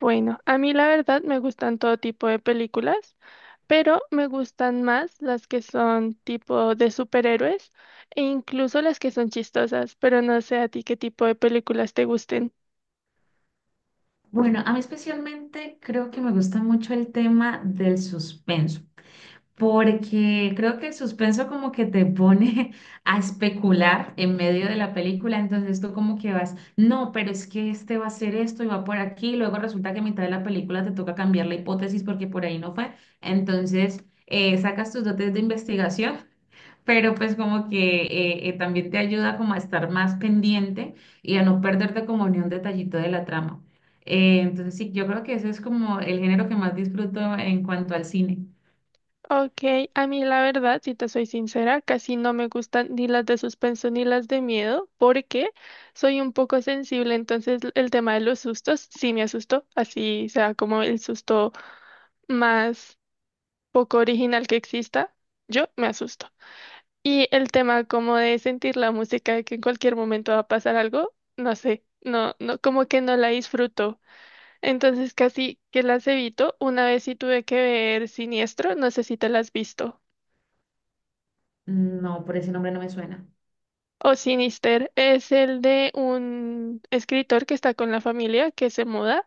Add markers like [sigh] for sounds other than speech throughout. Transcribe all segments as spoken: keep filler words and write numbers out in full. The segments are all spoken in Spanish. Bueno, a mí la verdad me gustan todo tipo de películas, pero me gustan más las que son tipo de superhéroes e incluso las que son chistosas, pero no sé a ti qué tipo de películas te gusten. Bueno, a mí especialmente creo que me gusta mucho el tema del suspenso, porque creo que el suspenso como que te pone [laughs] a especular en medio de la película, entonces tú como que vas, no, pero es que este va a hacer esto y va por aquí, luego resulta que a mitad de la película te toca cambiar la hipótesis porque por ahí no fue, entonces eh, sacas tus dotes de investigación, pero pues como que eh, eh, también te ayuda como a estar más pendiente y a no perderte como ni un detallito de la trama. Eh, entonces sí, yo creo que ese es como el género que más disfruto en cuanto al cine. Ok, a mí la verdad, si te soy sincera, casi no me gustan ni las de suspenso ni las de miedo, porque soy un poco sensible, entonces l- el tema de los sustos sí me asustó, así sea como el susto más poco original que exista, yo me asusto. Y el tema como de sentir la música de que en cualquier momento va a pasar algo, no sé, no, no, como que no la disfruto. Entonces casi que las evito. Una vez sí tuve que ver Siniestro, no sé si te la has visto. No, por ese nombre no me suena. O Sinister es el de un escritor que está con la familia, que se muda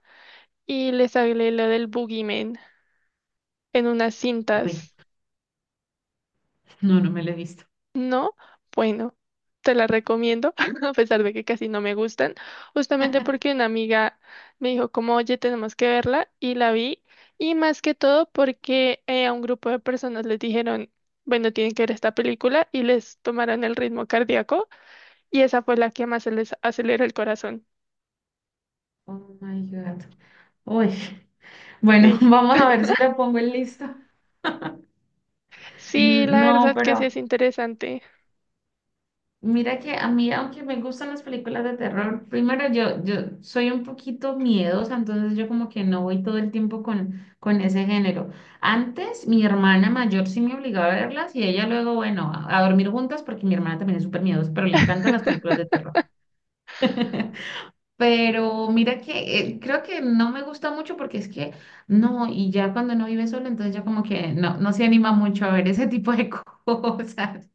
y le sale lo del Boogeyman en unas Ve, cintas. no, no me lo he visto. ¿No? Bueno, te la recomiendo, [laughs] a pesar de que casi no me gustan, justamente porque una amiga me dijo como, oye, tenemos que verla y la vi. Y más que todo porque eh, a un grupo de personas les dijeron, bueno, tienen que ver esta película y les tomaron el ritmo cardíaco y esa fue la que más se les aceleró el corazón. Oh my God. Uy. Bueno, [laughs] Sí. vamos a ver si la pongo en lista. Sí, Mm, la no, verdad que sí pero es interesante. mira que a mí, aunque me gustan las películas de terror, primero yo, yo soy un poquito miedosa, entonces yo como que no voy todo el tiempo con, con ese género. Antes mi hermana mayor sí me obligaba a verlas y ella luego, bueno, a, a dormir juntas porque mi hermana también es súper miedosa, pero le encantan las películas de [laughs] terror. [laughs] Pero mira que eh, creo que no me gusta mucho porque es que no, y ya cuando no vive solo, entonces ya como que no, no se anima mucho a ver ese tipo de [laughs] cosas,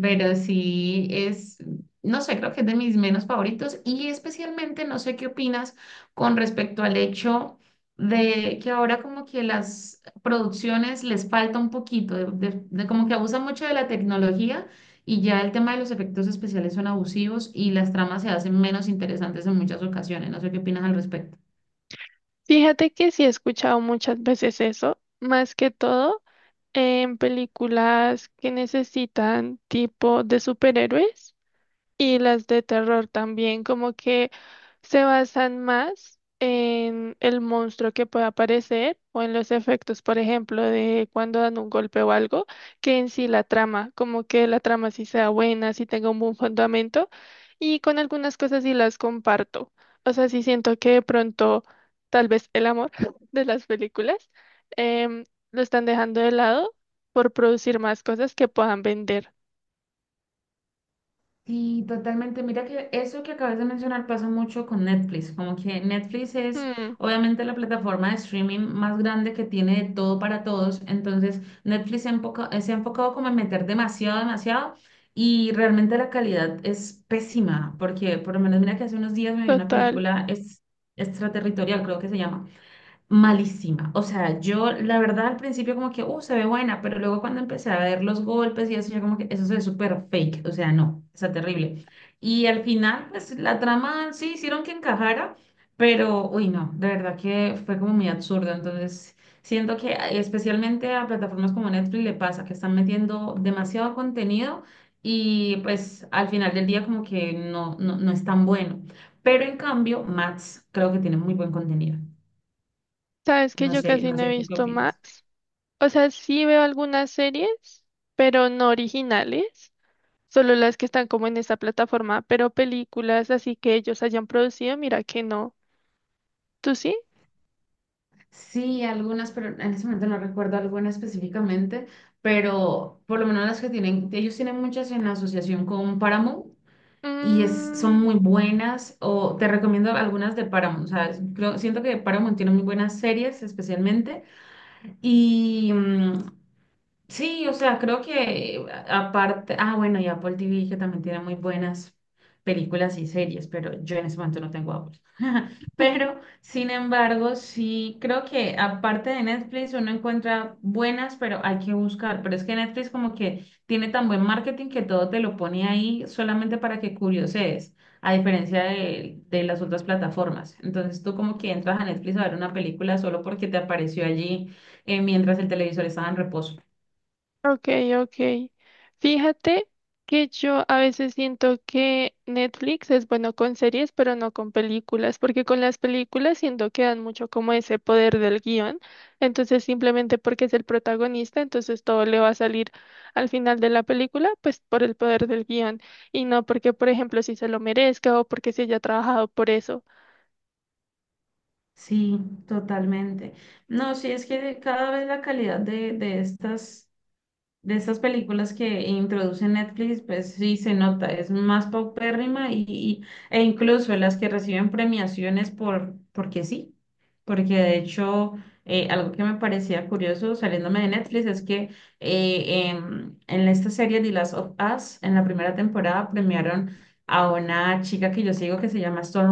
pero sí es, no sé, creo que es de mis menos favoritos y especialmente no sé qué opinas con respecto al hecho de que ahora como que las producciones les falta un poquito, de, de- de como que abusan mucho de la tecnología y ya el tema de los efectos especiales son abusivos y las tramas se hacen menos interesantes en muchas ocasiones. No sé qué opinas al respecto. Fíjate que sí he escuchado muchas veces eso, más que todo en películas que necesitan tipo de superhéroes. Y las de terror también, como que se basan más en el monstruo que pueda aparecer o en los efectos, por ejemplo, de cuando dan un golpe o algo, que en sí la trama, como que la trama sí sea buena, sí tenga un buen fundamento. Y con algunas cosas sí las comparto. O sea, sí siento que de pronto tal vez el amor [laughs] de las películas em, lo están dejando de lado por producir más cosas que puedan vender. Sí, totalmente. Mira que eso que acabas de mencionar pasa mucho con Netflix. Como que Netflix es Hmm, obviamente la plataforma de streaming más grande que tiene de todo para todos. Entonces, Netflix se ha enfoca- eh, se ha enfocado como en meter demasiado, demasiado. Y realmente la calidad es pésima. Porque por lo menos mira que hace unos días me vi una total. película es, extraterritorial, creo que se llama, malísima. O sea, yo la verdad al principio como que, uh, se ve buena, pero luego cuando empecé a ver los golpes y eso, yo como que eso se ve súper fake. O sea, no, está terrible. Y al final, pues la trama sí hicieron que encajara, pero, uy, no, de verdad que fue como muy absurdo. Entonces, siento que eh, especialmente a plataformas como Netflix le pasa que están metiendo demasiado contenido y pues al final del día como que no, no, no es tan bueno. Pero en cambio, Max creo que tiene muy buen contenido. Sabes que No yo sé, casi no no he sé, ¿tú qué visto más. opinas? O sea, sí veo algunas series, pero no originales, solo las que están como en esta plataforma, pero películas así que ellos hayan producido, mira que no. ¿Tú sí? Sí, algunas, pero en ese momento no recuerdo alguna específicamente, pero por lo menos las que tienen, ellos tienen muchas en asociación con Paramount y es, son Mm, muy buenas, o te recomiendo algunas de Paramount, o sea, es- creo- siento que Paramount tiene muy buenas series especialmente y mm, sí, o sea, creo que a- aparte, ah, bueno, y Apple T V que también tiene muy buenas películas y series, pero yo en ese momento no tengo Apple. [laughs] Pero, sin embargo, sí, creo que aparte de Netflix uno encuentra buenas, pero hay que buscar. Pero es que Netflix como que tiene tan buen marketing que todo te lo pone ahí solamente para que curiosees, a diferencia de, de las otras plataformas. Entonces tú como que entras a Netflix a ver una película solo porque te apareció allí eh, mientras el televisor estaba en reposo. ok, ok. Fíjate que yo a veces siento que Netflix es bueno con series, pero no con películas, porque con las películas siento que dan mucho como ese poder del guión, entonces simplemente porque es el protagonista, entonces todo le va a salir al final de la película, pues por el poder del guión, y no porque, por ejemplo, si se lo merezca o porque se haya trabajado por eso. Sí, totalmente. No, sí, es que cada vez la calidad de, de estas, de estas películas que introduce Netflix, pues sí se nota, es más paupérrima y, y- e incluso las que reciben premiaciones por, porque sí, porque de hecho eh, algo que me parecía curioso saliéndome de Netflix es que eh, en, en esta serie The Last of Us, en la primera temporada premiaron a una chica que yo sigo que se llama Stone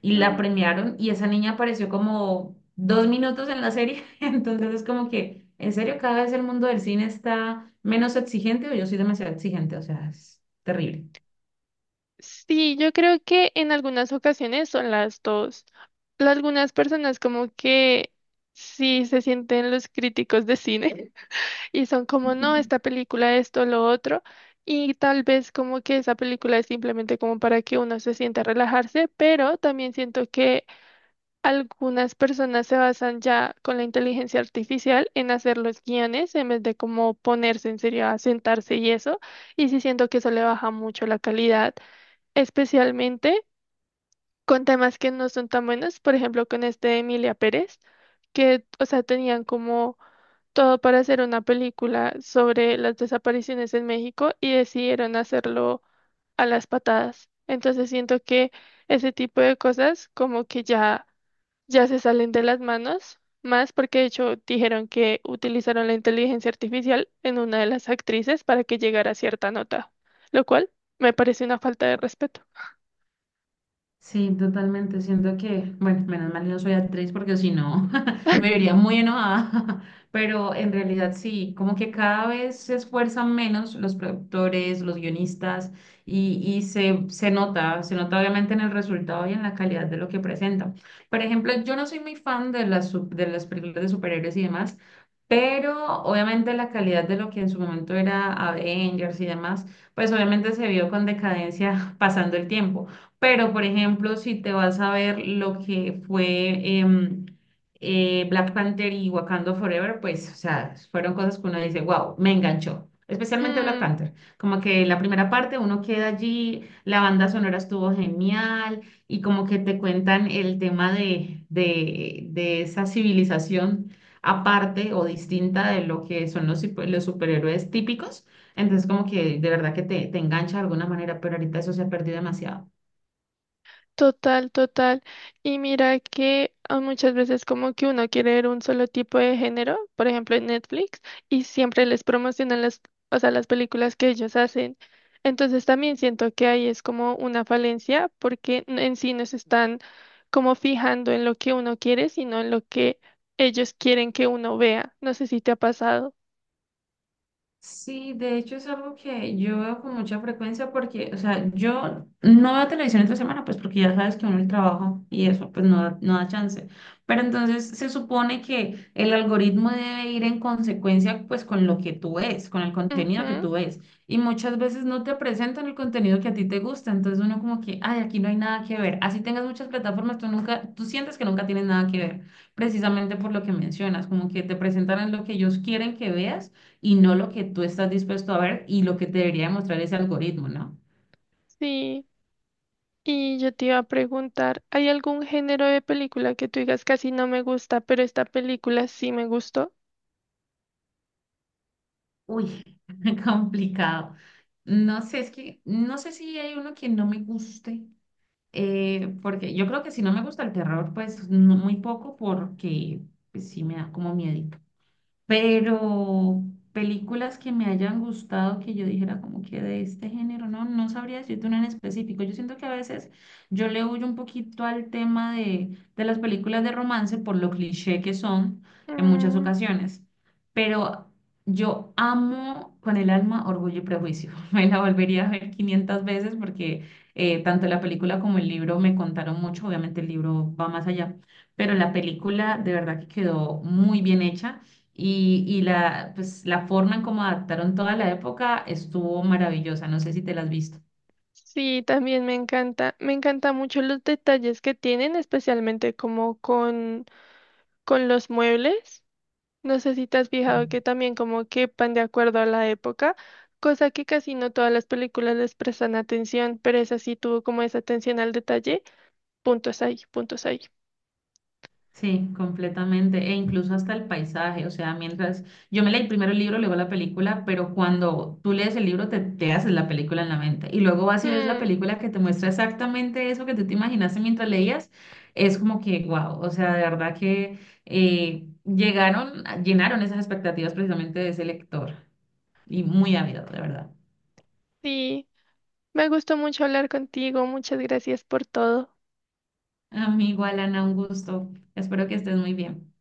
y la premiaron y esa niña apareció como dos minutos en la serie, [laughs] entonces es como que, en serio, cada vez el mundo del cine está menos exigente o yo soy demasiado exigente, o sea, es terrible. Sí, yo creo que en algunas ocasiones son las dos. Pero algunas personas como que sí se sienten los críticos de cine [laughs] y son como, no, esta [laughs] película, esto, lo otro. Y tal vez como que esa película es simplemente como para que uno se sienta a relajarse, pero también siento que algunas personas se basan ya con la inteligencia artificial en hacer los guiones en vez de como ponerse en serio a sentarse y eso. Y sí siento que eso le baja mucho la calidad especialmente con temas que no son tan buenos, por ejemplo, con este de Emilia Pérez, que, o sea, tenían como todo para hacer una película sobre las desapariciones en México y decidieron hacerlo a las patadas. Entonces siento que ese tipo de cosas como que ya, ya se salen de las manos, más porque de hecho dijeron que utilizaron la inteligencia artificial en una de las actrices para que llegara a cierta nota, lo cual me parece una falta de respeto. Sí, totalmente. Siento que, bueno, menos mal yo no soy actriz porque si no [laughs] me vería muy enojada. [laughs] Pero en realidad sí, como que cada vez se esfuerzan menos los productores, los guionistas y, y se, se nota, se nota obviamente en el resultado y en la calidad de lo que presentan. Por ejemplo, yo no soy muy fan de las, sup- de las películas de superhéroes y demás, pero obviamente la calidad de lo que en su momento era Avengers y demás, pues obviamente se vio con decadencia [laughs] pasando el tiempo. Pero, por ejemplo, si te vas a ver lo que fue em, eh, Black Panther y Wakanda Forever, pues, o sea, fueron cosas que uno dice, wow, me enganchó. Especialmente Black Hmm, Panther. Como que la primera parte uno queda allí, la banda sonora estuvo genial y como que te cuentan el tema de, de, de esa civilización aparte o distinta de lo que son los, super- los superhéroes típicos. Entonces, como que de verdad que te, te engancha de alguna manera, pero ahorita eso se ha perdido demasiado. total, total. Y mira que ah, muchas veces como que uno quiere ver un solo tipo de género, por ejemplo en Netflix, y siempre les promocionan las, o sea, las películas que ellos hacen. Entonces también siento que ahí es como una falencia porque n- en sí no se están como fijando en lo que uno quiere, sino en lo que ellos quieren que uno vea. No sé si te ha pasado. Sí, de hecho es algo que yo veo con mucha frecuencia porque, o sea, yo no veo televisión entre semana, pues porque ya sabes que uno el trabajo y eso, pues no da, no da chance. Pero entonces se supone que el algoritmo debe ir en consecuencia, pues con lo que tú ves, con el contenido que Ujú, tú ves. Y muchas veces no te presentan el contenido que a ti te gusta. Entonces uno como que, ay, aquí no hay nada que ver. Así tengas muchas plataformas, tú nunca, tú sientes que nunca tienes nada que ver, precisamente por lo que mencionas, como que te presentan lo que ellos quieren que veas y no lo que tú estás dispuesto a ver y lo que te debería demostrar ese algoritmo, ¿no? sí. Y yo te iba a preguntar, ¿hay algún género de película que tú digas casi no me gusta, pero esta película sí me gustó? Uy, [laughs] complicado. No sé, es que no sé si hay uno que no me guste, eh, porque yo creo que si no me gusta el terror, pues no- muy poco, porque pues, sí me da como miedo. Pero películas que me hayan gustado, que yo dijera como que de este género, no, no sabría decirte una en específico. Yo siento que a veces yo le huyo un poquito al tema de, de las películas de romance por lo cliché que son en muchas Mm, ocasiones. Pero yo amo con el alma Orgullo y Prejuicio. [laughs] Me la volvería a ver quinientas veces porque eh, tanto la película como el libro me contaron mucho. Obviamente el libro va más allá, pero la película de verdad que quedó muy bien hecha. Y, y la, pues, la forma en cómo adaptaron toda la época estuvo maravillosa. No sé si te la has visto. sí, también me encanta. Me encanta mucho los detalles que tienen, especialmente como con, con los muebles. No sé si te has fijado que Sí. también como que van de acuerdo a la época, cosa que casi no todas las películas les prestan atención, pero esa sí tuvo como esa atención al detalle. Puntos ahí, puntos ahí. Sí, completamente. E incluso hasta el paisaje. O sea, mientras yo me leí primero el libro, luego la película, pero cuando tú lees el libro te, te haces la película en la mente. Y luego vas y ves la Mm, película que te muestra exactamente eso que tú te imaginaste mientras leías. Es como que, wow. O sea, de verdad que eh, llegaron, llenaron esas expectativas precisamente de ese lector. Y muy ávido, de verdad. sí, me gustó mucho hablar contigo, muchas gracias por todo. Amigo Alana, un gusto. Espero que estés muy bien.